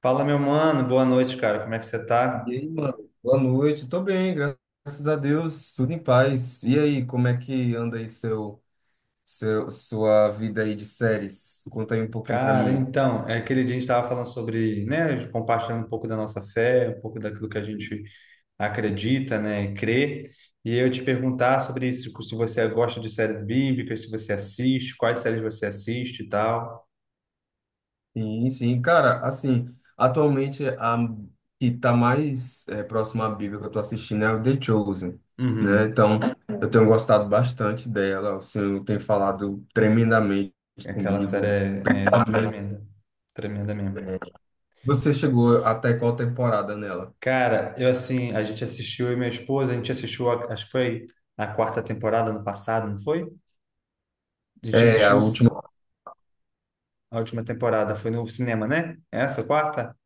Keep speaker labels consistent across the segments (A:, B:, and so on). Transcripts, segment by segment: A: Fala, meu mano, boa noite, cara. Como é que você
B: E
A: tá?
B: aí, mano? Boa noite. Tô bem, graças a Deus. Tudo em paz. E aí, como é que anda aí sua vida aí de séries? Conta aí um pouquinho pra
A: Cara,
B: mim.
A: então, é aquele dia a gente estava falando sobre, né, compartilhando um pouco da nossa fé, um pouco daquilo que a gente acredita, né, e crê. E eu te perguntar sobre isso, tipo, se você gosta de séries bíblicas, se você assiste, quais séries você assiste e tal.
B: Sim, sim. Cara, assim, atualmente a que tá mais próxima à Bíblia que eu tô assistindo é a The Chosen, né?
A: Uhum.
B: Então, eu tenho gostado bastante dela, assim, tem falado tremendamente
A: Aquela série
B: comigo.
A: é tremenda, tremenda mesmo.
B: Você chegou até qual temporada nela?
A: Cara, eu assim, a gente assistiu, eu e minha esposa, a gente assistiu, acho que foi a quarta temporada ano passado, não foi? A gente
B: É,
A: assistiu
B: a
A: no.
B: última
A: A última temporada foi no cinema, né? Essa quarta?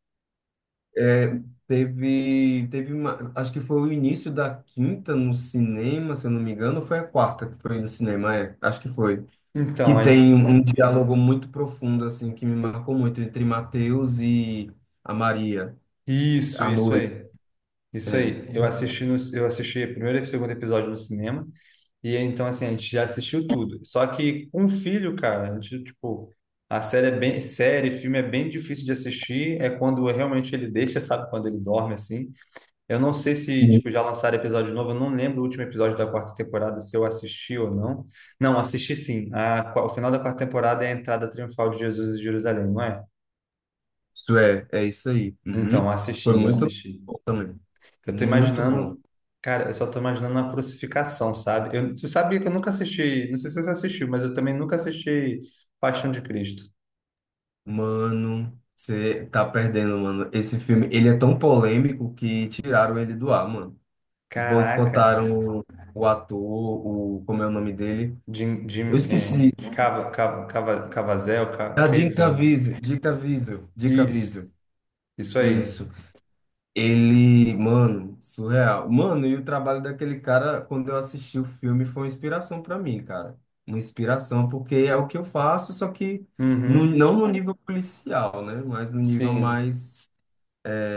B: É, teve, teve uma, acho que foi o início da quinta no cinema, se eu não me engano, ou foi a quarta que foi no cinema, acho que foi.
A: Então,
B: Que
A: a
B: tem
A: gente...
B: um diálogo muito profundo, assim, que me marcou muito entre Mateus e a Maria,
A: isso,
B: à
A: isso
B: noite.
A: aí. Isso
B: É.
A: aí. Eu assisti no... eu assisti o primeiro e o segundo episódio no cinema e então assim, a gente já assistiu tudo. Só que com filho, cara, a gente tipo a série é bem série, filme é bem difícil de assistir, é quando realmente ele deixa, sabe, quando ele dorme assim. Eu não sei se, tipo, já lançaram episódio novo, eu não lembro o último episódio da quarta temporada, se eu assisti ou não. Não, assisti sim. O final da quarta temporada é a entrada triunfal de Jesus em Jerusalém, não é?
B: Isso é isso aí.
A: Então,
B: Uhum. Foi muito
A: assisti.
B: bom também.
A: Eu tô
B: Muito bom.
A: imaginando, cara, eu só tô imaginando a crucificação, sabe? Eu, você sabia que eu nunca assisti, não sei se você assistiu, mas eu também nunca assisti Paixão de Cristo.
B: Mano, você tá perdendo, mano. Esse filme, ele é tão polêmico que tiraram ele do ar, mano.
A: Caraca,
B: Boicotaram o ator, como é o nome dele?
A: Jim,
B: Eu
A: Jim, é,
B: esqueci. Ah, Jim
A: Caviezel.
B: Caviezel, Jim Caviezel, Jim
A: Isso,
B: Caviezel.
A: isso aí.
B: Isso. Ele, mano, surreal. Mano, e o trabalho daquele cara, quando eu assisti o filme, foi uma inspiração pra mim, cara. Uma inspiração, porque é o que eu faço, só que no,
A: Uhum,
B: não no nível policial, né? Mas no nível
A: sim.
B: mais,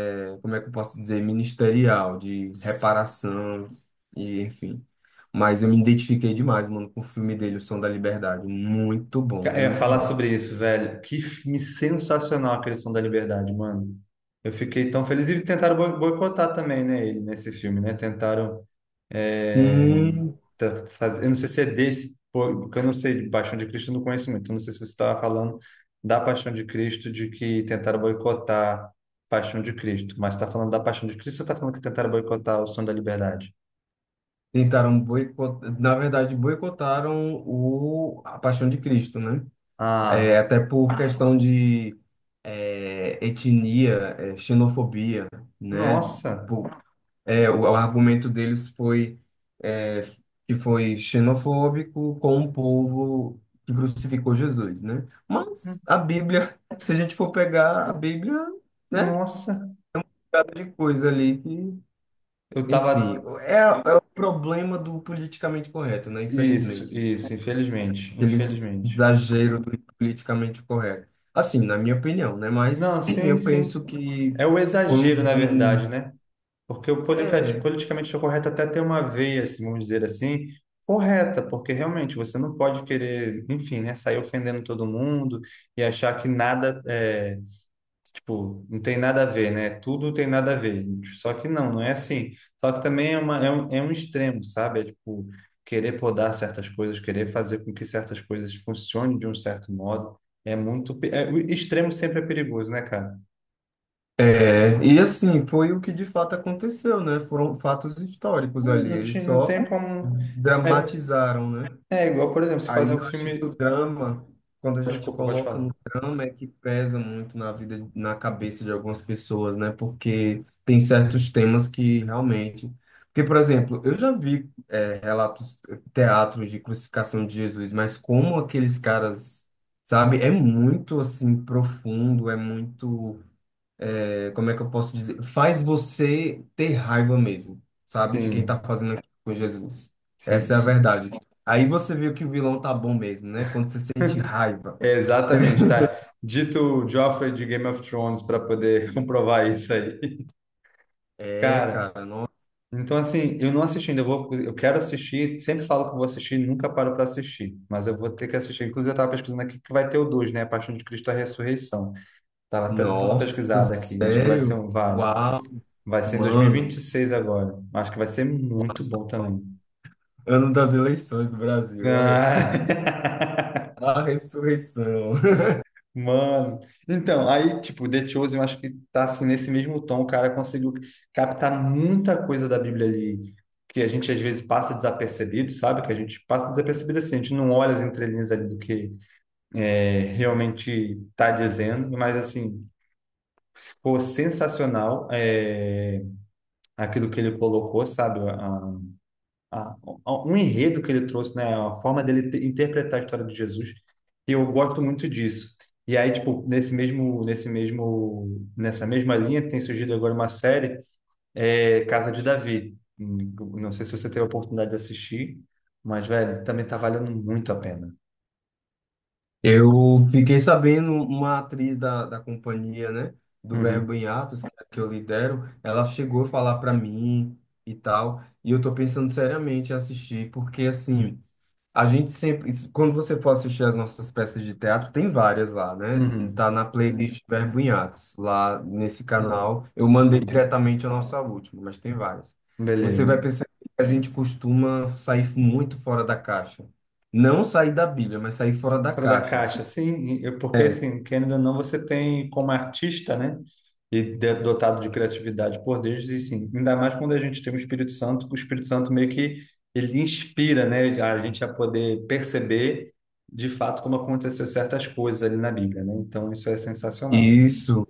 B: Como é que eu posso dizer, ministerial, de reparação e enfim. Mas eu me identifiquei demais, mano, com o filme dele, O Som da Liberdade. Muito bom,
A: Eu ia
B: muito
A: falar
B: bom.
A: sobre isso, velho. Que filme sensacional aquele Som da Liberdade, mano. Eu fiquei tão feliz. E tentaram boicotar também, né, ele, nesse filme, né? Tentaram. é,
B: Sim,
A: Eu não sei se é desse, pô, porque eu não sei, de Paixão de Cristo eu não conheço muito. Eu não sei se você estava falando da Paixão de Cristo, de que tentaram boicotar Paixão de Cristo. Mas está falando da Paixão de Cristo ou está falando que tentaram boicotar o Som da Liberdade?
B: tentaram boicotar, na verdade, boicotaram o A Paixão de Cristo, né? É,
A: Ah,
B: até por questão de etnia, xenofobia, né?
A: nossa!
B: Por, o argumento deles foi é, que foi xenofóbico com o povo que crucificou Jesus, né? Mas a Bíblia, se a gente for pegar a Bíblia, né?
A: Nossa!
B: Cada de coisa ali que,
A: Eu
B: enfim,
A: tava.
B: é o problema do politicamente correto, né?
A: Isso,
B: Infelizmente,
A: isso, infelizmente,
B: eles
A: infelizmente.
B: exagero do politicamente correto. Assim, na minha opinião, né? Mas
A: Não, sim,
B: eu
A: sim.
B: penso que
A: É o
B: foi um,
A: exagero, na verdade,
B: um-
A: né? Porque o
B: é,
A: politicamente correto até tem uma veia, assim, vamos dizer assim, correta, porque realmente você não pode querer, enfim, né, sair ofendendo todo mundo e achar que nada é. Tipo, não tem nada a ver, né? Tudo tem nada a ver. Só que não, não é assim. Só que também é, uma, é um extremo, sabe? É tipo, querer podar certas coisas, querer fazer com que certas coisas funcionem de um certo modo. É muito. O extremo sempre é perigoso, né, cara?
B: É, e assim, foi o que de fato aconteceu, né? Foram fatos históricos
A: É,
B: ali,
A: não,
B: eles
A: não tem
B: só
A: como. É,
B: dramatizaram, né?
A: é igual, por exemplo, se fazer
B: Aí
A: um
B: eu acho que o
A: filme.
B: drama, quando a gente
A: Desculpa, pode
B: coloca
A: falar.
B: no drama, é que pesa muito na vida, na cabeça de algumas pessoas, né? Porque tem certos temas que realmente. Porque, por exemplo, eu já vi, relatos, teatros de crucificação de Jesus, mas como aqueles caras, sabe? É muito assim profundo, é muito como é que eu posso dizer? Faz você ter raiva mesmo, sabe? De quem tá
A: Sim,
B: fazendo aquilo com Jesus. Essa
A: sim.
B: é a
A: e-
B: verdade. Aí você viu que o vilão tá bom mesmo, né? Quando você sente raiva.
A: é exatamente, tá? Dito o Joffrey de Game of Thrones para poder comprovar isso aí.
B: É,
A: Cara.
B: cara,
A: Então, assim, eu não assisti ainda, eu vou, eu quero assistir, sempre falo que vou assistir, nunca paro para assistir, mas eu vou ter que assistir. Inclusive, eu estava pesquisando aqui que vai ter o 2 né? A Paixão de Cristo, a Ressurreição. Tava até dando uma
B: nossa,
A: pesquisada aqui, acho que
B: sério? Uau,
A: vai ser em dois mil e vinte
B: mano.
A: e seis agora. Acho que vai ser muito bom também.
B: Ano das eleições do Brasil, olha.
A: Ah.
B: A ressurreição.
A: Mano, então, aí, tipo, The Chosen, eu acho que tá assim nesse mesmo tom, o cara conseguiu captar muita coisa da Bíblia ali, que a gente às vezes passa desapercebido, sabe? Que a gente passa desapercebido assim, a gente não olha as entrelinhas ali do que realmente tá dizendo, mas assim, ficou sensacional aquilo que ele colocou, sabe? a- Um enredo que ele trouxe, né? A forma dele interpretar a história de Jesus. E eu gosto muito disso. E aí, tipo, nessa mesma linha, tem surgido agora uma série, Casa de Davi. Não sei se você teve a oportunidade de assistir, mas, velho, também tá valendo muito a pena.
B: Eu fiquei sabendo, uma atriz da companhia, né, do
A: Uhum,
B: Verbo em Atos, que eu lidero, ela chegou a falar para mim e tal, e eu tô pensando seriamente em assistir, porque assim, a gente sempre, quando você for assistir as nossas peças de teatro, tem várias lá, né?
A: uhum,
B: Tá na playlist Verbo em Atos, lá nesse
A: uhum,
B: canal. Eu mandei
A: uhum.
B: diretamente a nossa última, mas tem várias. Você
A: Beleza.
B: vai perceber que a gente costuma sair muito fora da caixa. Não sair da Bíblia, mas sair fora da
A: Fora da
B: caixa.
A: caixa, sim, porque
B: É,
A: assim, querendo ou não, você tem como artista, né? E dotado de criatividade por Deus, e sim, ainda mais quando a gente tem o Espírito Santo, que o Espírito Santo meio que ele inspira, né? A gente a poder perceber de fato como aconteceu certas coisas ali na Bíblia, né? Então isso é sensacional.
B: isso.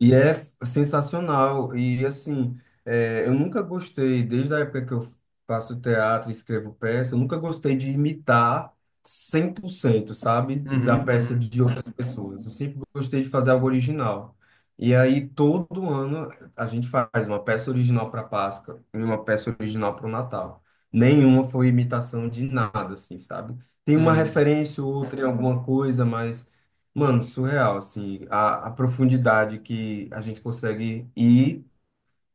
B: E é sensacional. E assim, eu nunca gostei, desde a época que eu faço teatro e escrevo peça, eu nunca gostei de imitar 100%, sabe, da
A: Uhum,
B: peça
A: uhum,
B: de outras pessoas. Eu sempre gostei de fazer algo original. E aí, todo ano, a gente faz uma peça original para Páscoa e uma peça original para o Natal. Nenhuma foi imitação de nada, assim, sabe? Tem uma
A: uhum.
B: referência ou outra em alguma coisa, mas. Mano, surreal, assim, a profundidade que a gente consegue ir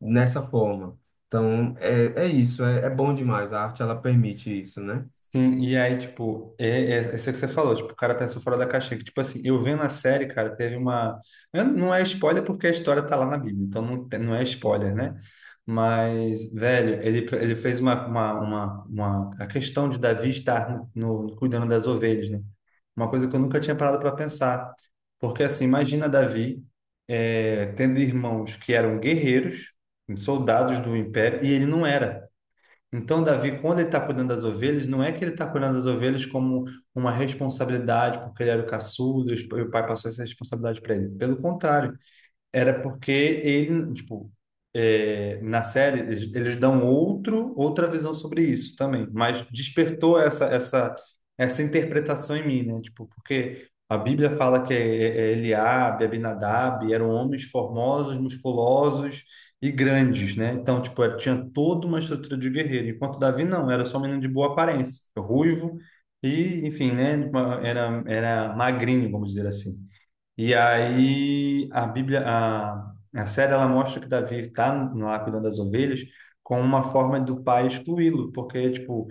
B: nessa forma. Então, é, é isso, é bom demais. A arte, ela permite isso, né?
A: Sim, e aí, tipo, essa que você falou, tipo, o cara pensou fora da caixinha, que, tipo assim, eu vendo a série, cara, teve uma... Não é spoiler porque a história tá lá na Bíblia, então não, não é spoiler, né? Mas, velho, ele fez uma... A questão de Davi estar cuidando das ovelhas, né? Uma coisa que eu nunca tinha parado para pensar. Porque, assim, imagina Davi tendo irmãos que eram guerreiros, soldados do império, e ele não era. Então, Davi, quando ele está cuidando das ovelhas, não é que ele está cuidando das ovelhas como uma responsabilidade, porque ele era o caçudo e o pai passou essa responsabilidade para ele. Pelo contrário, era porque ele, tipo, na série eles dão outra visão sobre isso também, mas despertou essa interpretação em mim, né? Tipo, porque a Bíblia fala que Eliabe, Abinadab eram homens formosos, musculosos e grandes, né? Então, tipo, tinha toda uma estrutura de guerreiro, enquanto Davi não, era só um menino de boa aparência, ruivo e, enfim, né? Era magrinho, vamos dizer assim. E aí a Bíblia, a série ela mostra que Davi está lá cuidando das ovelhas com uma forma do pai excluí-lo, porque tipo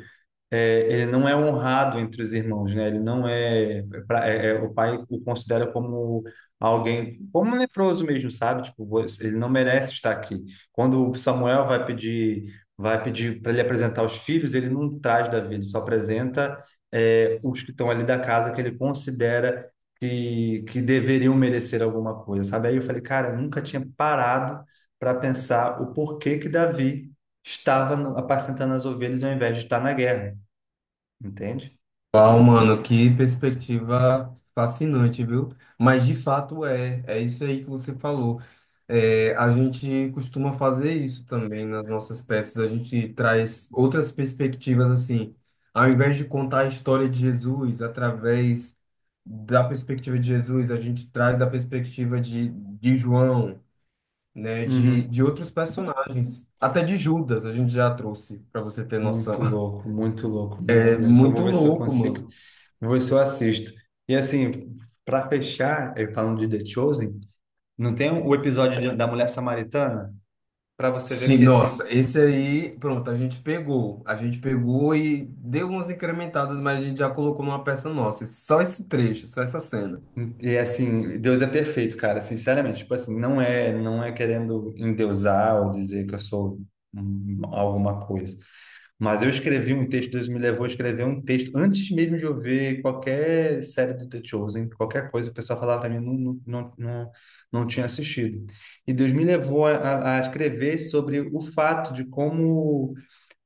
A: ele não é honrado entre os irmãos, né? Ele não é, o pai o considera como alguém, como um leproso mesmo, sabe? Tipo, ele não merece estar aqui. Quando o Samuel vai pedir para ele apresentar os filhos, ele não traz Davi, ele só apresenta os que estão ali da casa que ele considera que deveriam merecer alguma coisa, sabe? Aí eu falei, cara, eu nunca tinha parado para pensar o porquê que Davi estava apacentando as ovelhas ao invés de estar na guerra entende?
B: Uau, mano, que perspectiva fascinante, viu? Mas de fato é isso aí que você falou. É, a gente costuma fazer isso também nas nossas peças, a gente traz outras perspectivas assim. Ao invés de contar a história de Jesus através da perspectiva de Jesus, a gente traz da perspectiva de João, né, de,
A: Uhum.
B: de outros personagens, até de Judas a gente já trouxe, para você ter noção.
A: Muito louco, muito louco,
B: É
A: muito louco. Eu vou
B: muito
A: ver se eu
B: louco,
A: consigo,
B: mano.
A: vou ver se eu assisto. E assim, para fechar, eu falando de The Chosen, não tem o episódio da mulher samaritana? Para você ver
B: Sim,
A: que assim,
B: nossa, esse aí, pronto, a gente pegou. A gente pegou e deu umas incrementadas, mas a gente já colocou numa peça nossa. Só esse trecho, só essa cena.
A: e assim, Deus é perfeito, cara, sinceramente. Tipo assim, não é, não é querendo endeusar ou dizer que eu sou alguma coisa. Mas eu escrevi um texto, Deus me levou a escrever um texto antes mesmo de eu ver qualquer série do The Chosen, qualquer coisa, o pessoal falava para mim, não, não, não, não, não tinha assistido. E Deus me levou a, a escrever sobre o fato de como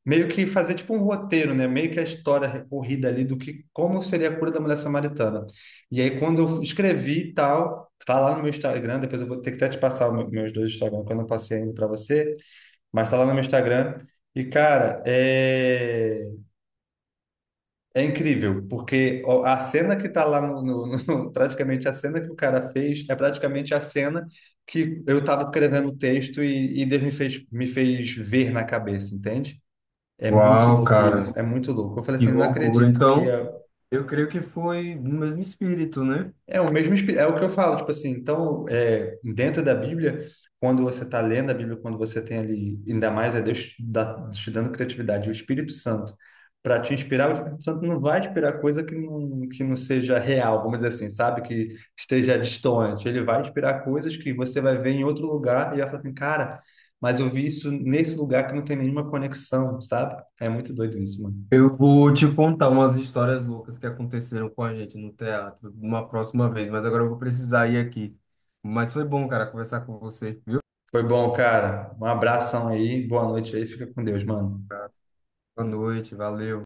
A: meio que fazer tipo um roteiro, né? Meio que a história recorrida ali do que como seria a cura da mulher samaritana. E aí quando eu escrevi e tal, tá lá no meu Instagram, depois eu vou ter que até te passar o meus dois Instagram, que eu não passei ainda para você, mas tá lá no meu Instagram. E cara, é incrível, porque ó, a cena que tá lá no, praticamente a cena que o cara fez é praticamente a cena que eu tava escrevendo o texto e Deus me fez ver na cabeça, entende? É muito
B: Uau,
A: louco isso,
B: cara,
A: é muito louco. Eu falei
B: que
A: assim, não
B: loucura.
A: acredito que
B: Então,
A: é,
B: eu creio que foi no mesmo espírito, né?
A: é o mesmo espírito, é o que eu falo, tipo assim, então, dentro da Bíblia, quando você está lendo a Bíblia, quando você tem ali, ainda mais Deus te dando criatividade, o Espírito Santo, para te inspirar, o Espírito Santo não vai te inspirar coisa que não seja real, vamos dizer assim, sabe? Que esteja distante. Ele vai te inspirar coisas que você vai ver em outro lugar e vai falar assim, cara, mas eu vi isso nesse lugar que não tem nenhuma conexão, sabe? É muito doido isso, mano.
B: Eu vou te contar umas histórias loucas que aconteceram com a gente no teatro uma próxima vez, mas agora eu vou precisar ir aqui. Mas foi bom, cara, conversar com você, viu?
A: Foi bom, cara. Um abração aí, boa noite aí, fica com Deus, mano.
B: Boa noite, valeu.